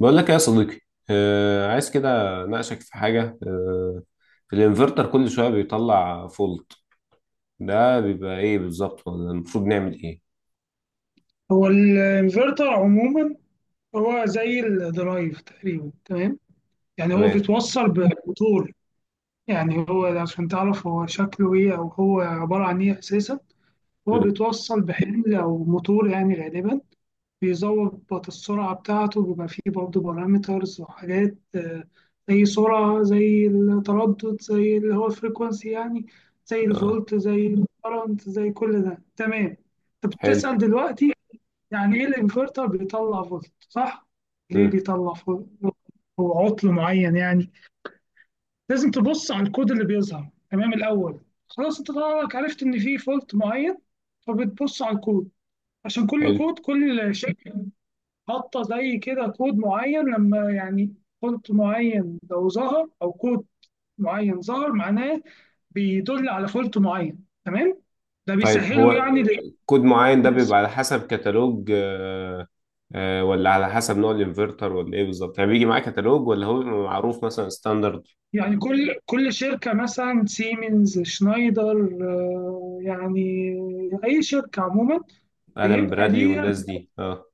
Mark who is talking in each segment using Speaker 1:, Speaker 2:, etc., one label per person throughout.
Speaker 1: بقول لك إيه يا صديقي. آه، عايز كده. ناقشك في حاجة الانفرتر كل شوية بيطلع فولت، ده بيبقى ايه بالظبط، ولا المفروض نعمل ايه؟
Speaker 2: هو الانفرتر عموما، هو زي الدرايف تقريبا. تمام. يعني هو
Speaker 1: تمام.
Speaker 2: بيتوصل بموتور. يعني هو عشان تعرف هو شكله ايه او هو عبارة عن ايه اساسا، هو
Speaker 1: مم.
Speaker 2: بيتوصل بحمل او موتور يعني غالبا، بيظبط السرعة بتاعته. بيبقى فيه برضه بارامترز وحاجات زي سرعة، زي التردد، زي اللي هو الفريكونسي يعني، زي
Speaker 1: اه.
Speaker 2: الفولت، زي الكرنت، زي كل ده. تمام. طب
Speaker 1: حلو.
Speaker 2: بتسأل دلوقتي، يعني ايه الانفرتر بيطلع فولت؟ صح. ليه
Speaker 1: مم.
Speaker 2: بيطلع فولت؟ هو عطل معين يعني. لازم تبص على الكود اللي بيظهر. تمام. الاول خلاص انت طالعك عرفت ان في فولت معين، فبتبص على الكود. عشان كل
Speaker 1: حلو.
Speaker 2: كود، كل شركه حاطه زي كده كود معين، لما يعني فولت معين لو ظهر، او كود معين ظهر، معناه بيدل على فولت معين. تمام. ده
Speaker 1: طيب، هو
Speaker 2: بيسهله يعني
Speaker 1: كود معين ده
Speaker 2: للناس.
Speaker 1: بيبقى على حسب كتالوج ولا على حسب نوع الانفرتر ولا ايه بالظبط، يعني بيجي معاه كتالوج ولا هو بيبقى معروف مثلا ستاندرد؟
Speaker 2: يعني كل شركة، مثلا سيمنز، شنايدر، يعني أي شركة عموما،
Speaker 1: ألان
Speaker 2: بيبقى
Speaker 1: برادلي
Speaker 2: ليها
Speaker 1: والناس دي، اه.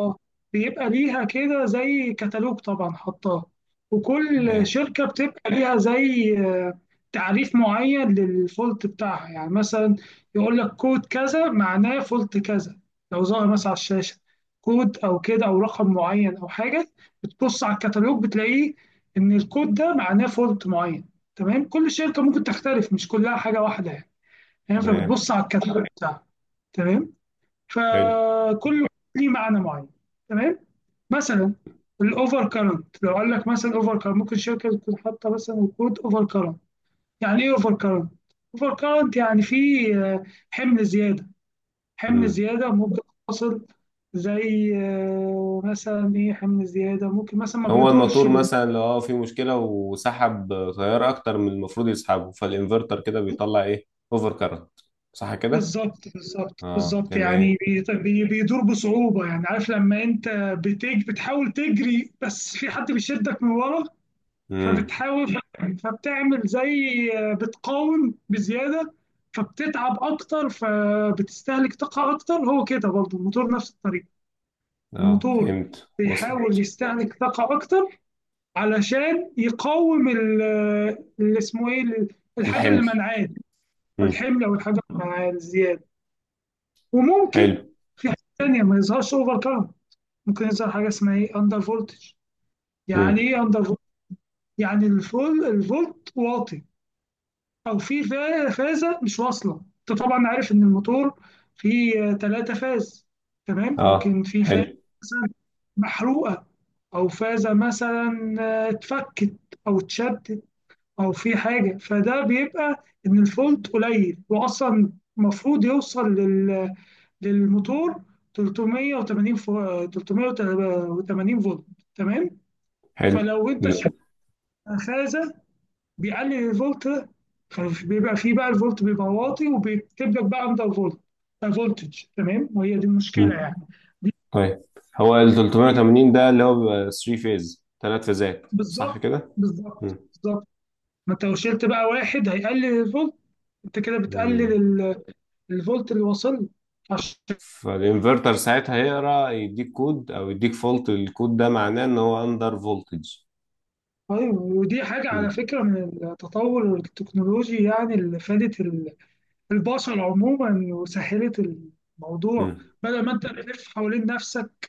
Speaker 2: آه، بيبقى ليها كده زي كتالوج طبعا حطاه. وكل
Speaker 1: تمام.
Speaker 2: شركة بتبقى ليها زي تعريف معين للفولت بتاعها. يعني مثلا يقول لك كود كذا معناه فولت كذا، لو ظهر مثلا على الشاشة كود أو كده أو رقم معين أو حاجة، بتبص على الكتالوج بتلاقيه إن الكود ده معناه فولت معين. تمام. كل شركة ممكن تختلف، مش كلها حاجة واحدة يعني. يعني
Speaker 1: تمام.
Speaker 2: فبتبص على الكتالوج بتاعها. تمام.
Speaker 1: حلو.
Speaker 2: فكل ليه معنى معين. تمام. مثلا الاوفر كارنت، لو قال لك مثلا اوفر كارنت، ممكن شركه تكون حاطه مثلا كود اوفر كارنت. يعني ايه اوفر كارنت؟ اوفر كارنت يعني في آه، حمل زياده. حمل
Speaker 1: مم.
Speaker 2: زياده ممكن توصل، زي مثلا ايه، حمل زياده ممكن مثلا ما
Speaker 1: هو
Speaker 2: بيدورش
Speaker 1: الموتور مثلا لو فيه مشكلة وسحب تيار أكتر من المفروض يسحبه، فالإنفرتر كده بيطلع إيه؟ أوفر كارنت، صح كده؟
Speaker 2: بالظبط بالظبط
Speaker 1: اه،
Speaker 2: بالظبط. يعني
Speaker 1: تمام.
Speaker 2: بيدور بصعوبه. يعني عارف لما انت بتحاول تجري بس في حد بيشدك من ورا،
Speaker 1: امم.
Speaker 2: فبتحاول، فبتعمل زي بتقاوم بزياده، فبتتعب اكتر، فبتستهلك طاقه اكتر. هو كده برضه الموتور نفس الطريقه،
Speaker 1: اه،
Speaker 2: الموتور
Speaker 1: فهمت، وصل.
Speaker 2: بيحاول يستهلك طاقه اكتر علشان يقاوم اللي اسمه ايه الحاجه اللي
Speaker 1: الحمل.
Speaker 2: منعاه،
Speaker 1: امم.
Speaker 2: الحمل او الحاجه اللي منعاه الزياده. وممكن
Speaker 1: حلو.
Speaker 2: في حاجه ثانيه ما يظهرش اوفر كارنت، ممكن يظهر حاجه اسمها ايه، اندر فولتج. يعني
Speaker 1: امم.
Speaker 2: ايه اندر فولتج؟ يعني الفولت واطي، او في فازه مش واصله. انت طبعا عارف ان الموتور فيه 3 فاز. تمام.
Speaker 1: اه،
Speaker 2: ممكن في فازه
Speaker 1: حلو.
Speaker 2: مثلا محروقه، او فازه مثلا اتفكت او اتشدت، او في حاجه. فده بيبقى ان الفولت قليل. واصلا المفروض يوصل لل... للموتور 380 380 فولت. تمام.
Speaker 1: حلو.
Speaker 2: فلو انت
Speaker 1: لا.
Speaker 2: شلت فازه، بيقلل الفولت، فبيبقى فيه بقى الفولت بيبقى واطي، وبيكتب لك بقى اندر فولت، فولتج. تمام. وهي دي المشكله
Speaker 1: امم.
Speaker 2: يعني. دي
Speaker 1: طيب، هو ال
Speaker 2: دي كانت-
Speaker 1: 380 ده اللي هو بيبقى 3 فيز ثلاث فيزات، صح
Speaker 2: بالظبط
Speaker 1: كده؟
Speaker 2: بالظبط
Speaker 1: امم.
Speaker 2: بالظبط. ما انت لو شلت بقى واحد، هيقلل الفولت. انت كده بتقلل
Speaker 1: امم.
Speaker 2: الفولت اللي واصل له. عشان
Speaker 1: فالإنفرتر ساعتها هيقرا، يديك كود أو يديك فولت، الكود ده معناه إن هو أندر فولتج.
Speaker 2: طيب، ودي حاجه على
Speaker 1: مم.
Speaker 2: فكره من التطور التكنولوجي. يعني اللي فادت البشر عموما، وسهلت الموضوع،
Speaker 1: مم.
Speaker 2: بدل ما انت تلف حوالين نفسك.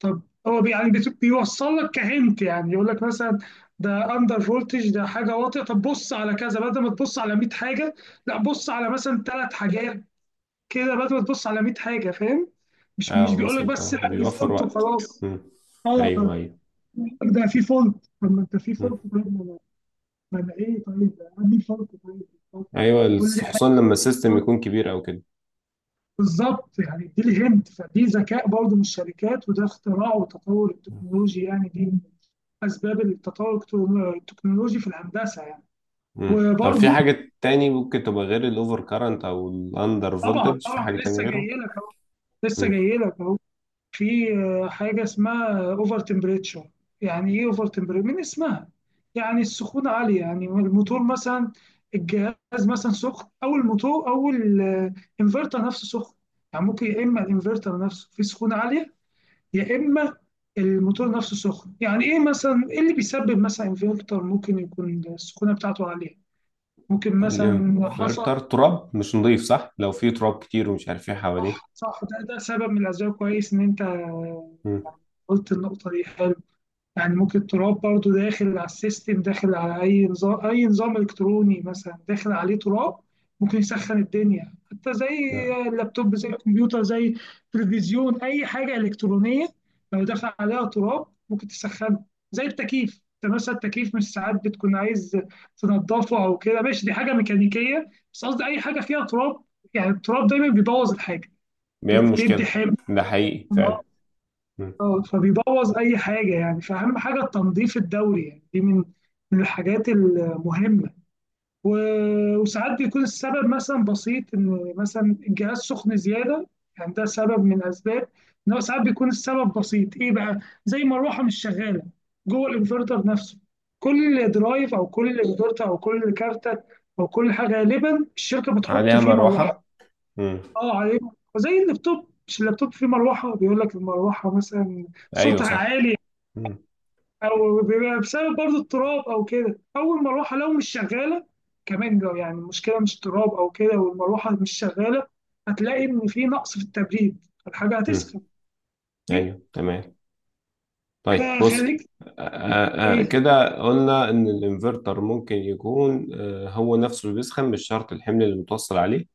Speaker 2: طب هو بيوصل لك كهنت. يعني يقول لك مثلا ده اندر فولتج، ده حاجه واطيه، طب بص على كذا، بدل ما تبص على 100 حاجه، لا بص على مثلا 3 حاجات كده، بدل ما تبص على 100 حاجه. فاهم؟ مش
Speaker 1: اه،
Speaker 2: مش بيقول لك
Speaker 1: وصلت،
Speaker 2: بس
Speaker 1: اه،
Speaker 2: لا، في
Speaker 1: بيوفر
Speaker 2: فولت
Speaker 1: وقت.
Speaker 2: وخلاص.
Speaker 1: مم.
Speaker 2: اه،
Speaker 1: ايوه، ايوه.
Speaker 2: ده في فولت. طب ما انت في
Speaker 1: مم.
Speaker 2: فولت؟ طيب ما انا، ما انا ايه؟ طيب عندي فولت. طيب. طب،
Speaker 1: ايوه،
Speaker 2: طب قول لي حاجه.
Speaker 1: خصوصا لما السيستم يكون كبير او كده.
Speaker 2: بالظبط. يعني دي لي هنت، فدي ذكاء برضه من الشركات، وده اختراع وتطور التكنولوجي يعني. دي اسباب التطور التكنولوجي في الهندسه يعني.
Speaker 1: مم. طب، في
Speaker 2: وبرضو
Speaker 1: حاجة تاني ممكن تبقى غير الاوفر كارنت او الاندر
Speaker 2: طبعا
Speaker 1: فولتج، في
Speaker 2: طبعا،
Speaker 1: حاجة تانية
Speaker 2: لسه
Speaker 1: غيره؟
Speaker 2: جاي لك اهو، لسه
Speaker 1: مم.
Speaker 2: جاي لك اهو. في حاجه اسمها اوفر تمبريتشر. يعني ايه اوفر تمبريتشر؟ من اسمها، يعني السخونه عاليه. يعني الموتور مثلا، الجهاز مثلا سخن، او الموتور او الانفرتر نفسه سخن. يعني ممكن يا اما الانفرتر نفسه فيه سخونه عاليه، يا اما الموتور نفسه سخن. يعني ايه مثلا، ايه اللي بيسبب مثلا انفرتر ممكن يكون السخونه بتاعته عاليه؟ ممكن مثلا حصل.
Speaker 1: الانفرتر تراب مش نضيف، صح؟ لو في تراب كتير ومش عارف ايه حواليه.
Speaker 2: صح، ده سبب من الأسباب. كويس إن أنت
Speaker 1: مم.
Speaker 2: قلت النقطة دي. حلو. يعني ممكن التراب برضو داخل على السيستم، داخل على أي نظام، أي نظام إلكتروني مثلا داخل عليه تراب، ممكن يسخن الدنيا. حتى زي
Speaker 1: لا.
Speaker 2: اللابتوب، زي الكمبيوتر، زي التلفزيون، أي حاجة إلكترونية لو دخل عليها تراب ممكن تسخنه. زي التكييف، انت مثلا التكييف مش ساعات بتكون عايز تنضفه او كده؟ ماشي، دي حاجه ميكانيكيه، بس قصدي اي حاجه فيها تراب، يعني التراب دايما بيبوظ الحاجه،
Speaker 1: بيعمل
Speaker 2: بيدي
Speaker 1: مشكلة.
Speaker 2: حمض.
Speaker 1: ده حقيقي فعلا. مم.
Speaker 2: اه، فبيبوظ اي حاجه يعني. فاهم؟ حاجه التنظيف الدوري يعني دي من الحاجات المهمه. وساعات بيكون السبب مثلا بسيط، ان مثلا الجهاز سخن زياده. يعني ده سبب من اسباب ان هو ساعات بيكون السبب بسيط. ايه بقى؟ زي مروحه مش شغاله جوه الانفرتر نفسه. كل درايف او كل انفرتر او كل كارته او كل حاجه، غالبا الشركه بتحط
Speaker 1: عليها
Speaker 2: فيه مروحه.
Speaker 1: مروحة. مم.
Speaker 2: اه، عليه. زي اللابتوب، مش اللابتوب فيه مروحه بيقول لك المروحه مثلا
Speaker 1: ايوه
Speaker 2: صوتها
Speaker 1: صح.
Speaker 2: عالي،
Speaker 1: مم.
Speaker 2: او بيبقى بسبب برضو التراب او كده، او المروحه لو مش شغاله. كمان لو يعني المشكله مش تراب او كده، والمروحه مش شغاله، هتلاقي ان في نقص في التبريد، الحاجه
Speaker 1: مم.
Speaker 2: هتسخن.
Speaker 1: ايوه تمام. طيب بص.
Speaker 2: فخليك. ايه.
Speaker 1: كده قلنا ان الانفرتر ممكن يكون هو نفسه اللي بيسخن، مش شرط الحمل اللي متوصل عليه.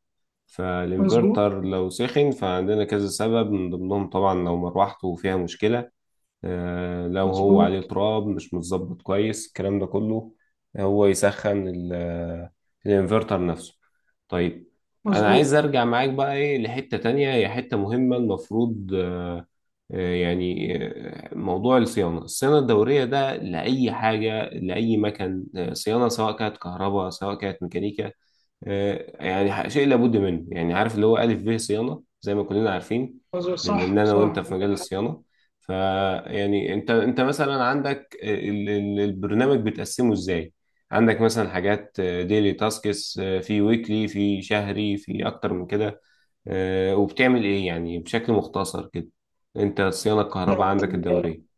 Speaker 2: مظبوط
Speaker 1: فالانفرتر لو سخن فعندنا كذا سبب، من ضمنهم طبعا لو مروحته فيها مشكلة. لو هو عليه
Speaker 2: مظبوط
Speaker 1: تراب مش متظبط كويس الكلام ده كله. هو يسخن الانفرتر نفسه. طيب. انا
Speaker 2: مظبوط.
Speaker 1: عايز ارجع معاك بقى ايه، لحتة تانية هي حتة مهمة المفروض يعني موضوع الصيانة، الصيانة الدورية ده لأي حاجة لأي مكان، صيانة سواء كانت كهرباء سواء كانت ميكانيكا. يعني شيء لابد منه، يعني عارف اللي هو ألف ب صيانة زي ما كلنا عارفين.
Speaker 2: مظبوط.
Speaker 1: بما
Speaker 2: صح
Speaker 1: إن أنا وأنت
Speaker 2: صح.
Speaker 1: في مجال الصيانة، فيعني أنت مثلا عندك البرنامج بتقسمه إزاي؟ عندك مثلا حاجات ديلي تاسكس، في ويكلي، في شهري، في أكتر من كده. وبتعمل ايه يعني بشكل مختصر كده؟ انت صيانة الكهرباء عندك
Speaker 2: يعني
Speaker 1: الدورية.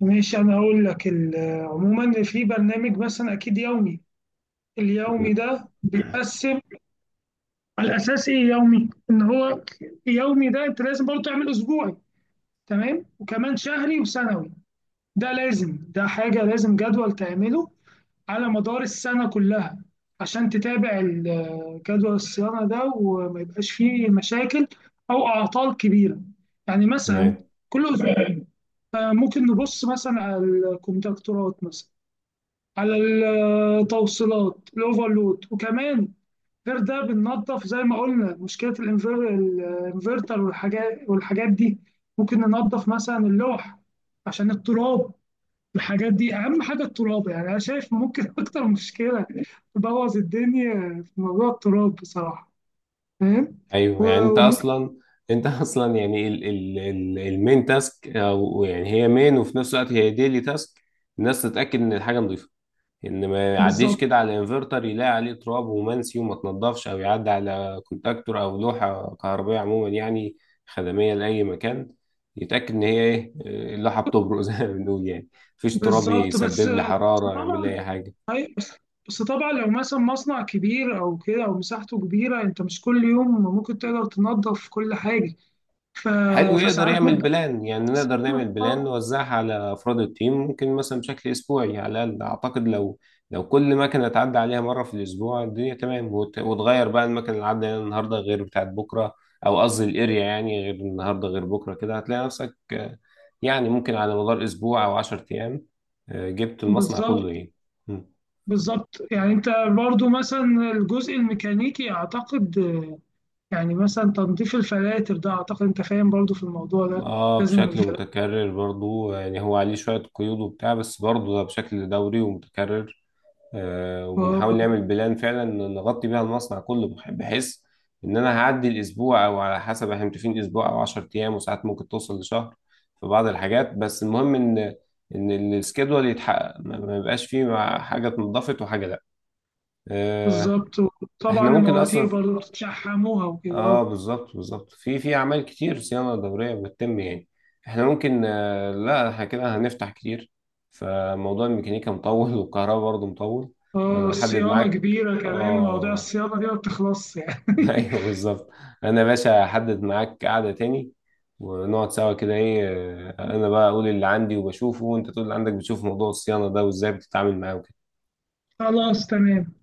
Speaker 2: ماشي، انا هقول لك عموما في برنامج مثلا اكيد يومي.
Speaker 1: مم.
Speaker 2: اليومي ده بيتقسم على اساس ايه؟ يومي، ان هو يومي ده انت لازم برضو تعمل اسبوعي. تمام. وكمان شهري وسنوي. ده لازم، ده حاجة لازم جدول تعمله على مدار السنة كلها، عشان تتابع جدول الصيانة ده، وما يبقاش فيه مشاكل أو أعطال كبيرة. يعني مثلا
Speaker 1: تمام.
Speaker 2: كل أسبوع ممكن نبص مثلا على الكونتاكتورات، مثلا على التوصيلات، الأوفرلود، وكمان غير ده بننظف زي ما قلنا، مشكلة الانفرتر والحاجات، والحاجات دي. ممكن ننظف مثلا اللوح عشان التراب. الحاجات دي أهم حاجة التراب. يعني أنا شايف ممكن أكتر مشكلة تبوظ الدنيا في موضوع التراب بصراحة. فاهم؟
Speaker 1: ايوه
Speaker 2: و-
Speaker 1: يعني انت
Speaker 2: وممكن،
Speaker 1: اصلا، انت اصلا يعني ال ال ال المين تاسك، او يعني هي مين وفي نفس الوقت هي ديلي تاسك. الناس تتأكد ان الحاجة نظيفة، ان ما يعديش
Speaker 2: بالظبط
Speaker 1: كده على انفرتر يلاقي عليه تراب ومنسي وما تنضفش، او يعدي على كونتاكتور او لوحه كهربائيه عموما، يعني خدميه لاي مكان. يتاكد ان هي ايه، اللوحه بتبرق زي ما بنقول يعني، مفيش تراب
Speaker 2: بالظبط. بس بس
Speaker 1: يسبب لي حراره يعمل
Speaker 2: طبعا،
Speaker 1: لي اي حاجه.
Speaker 2: بس بس طبعا، لو مثلا مصنع كبير أو كده أو مساحته كبيرة، أنت مش كل يوم ممكن تقدر تنظف كل حاجة. ف...
Speaker 1: حلو، يقدر
Speaker 2: فساعات
Speaker 1: يعمل
Speaker 2: ممكن
Speaker 1: بلان، يعني نقدر نعمل بلان نوزعها على أفراد التيم، ممكن مثلا بشكل أسبوعي، يعني على الأقل أعتقد لو كل مكنة تعدي عليها مرة في الأسبوع، الدنيا تمام، وتغير بقى المكنة اللي عدى عليها النهاردة غير بتاعت بكرة، أو قصدي الأريا يعني، غير النهاردة غير بكرة، كده هتلاقي نفسك يعني ممكن على مدار أسبوع أو عشر أيام، جبت المصنع
Speaker 2: بالظبط
Speaker 1: كله إيه. مم.
Speaker 2: بالظبط. يعني انت برضو مثلا الجزء الميكانيكي اعتقد، يعني مثلا تنظيف الفلاتر ده، اعتقد انت فاهم برضو في الموضوع ده.
Speaker 1: اه،
Speaker 2: لازم
Speaker 1: بشكل
Speaker 2: الفلاتر
Speaker 1: متكرر برضو، يعني هو عليه شوية قيود وبتاع بس برضو ده بشكل دوري ومتكرر. وبنحاول
Speaker 2: وال-
Speaker 1: نعمل بلان فعلا نغطي بيها المصنع كله بحيث ان انا هعدي الاسبوع او على حسب احنا متفقين اسبوع او 10 ايام، وساعات ممكن توصل لشهر في بعض الحاجات. بس المهم ان السكيدول يتحقق، ما ما يبقاش فيه حاجه اتنضفت وحاجه لا. آه،
Speaker 2: بالظبط. وطبعا
Speaker 1: احنا ممكن
Speaker 2: المواتير
Speaker 1: اصلا،
Speaker 2: برضو بتشحموها وكده.
Speaker 1: اه،
Speaker 2: اه،
Speaker 1: بالظبط بالظبط، في في اعمال كتير صيانه دوريه بتتم يعني. احنا ممكن لا احنا كده هنفتح كتير، فموضوع الميكانيكا مطول والكهرباء برضه مطول. انا احدد
Speaker 2: الصيانة
Speaker 1: معاك.
Speaker 2: كبيرة. كمان موضوع
Speaker 1: اه.
Speaker 2: الصيانة دي ما بتخلصش يعني
Speaker 1: ايوه بالظبط. انا يا باشا احدد معاك قعده تاني، ونقعد سوا كده ايه، انا بقى اقول اللي عندي وبشوفه، وانت تقول اللي عندك بتشوف موضوع الصيانه ده وازاي بتتعامل معاه وكده.
Speaker 2: خلاص. تمام.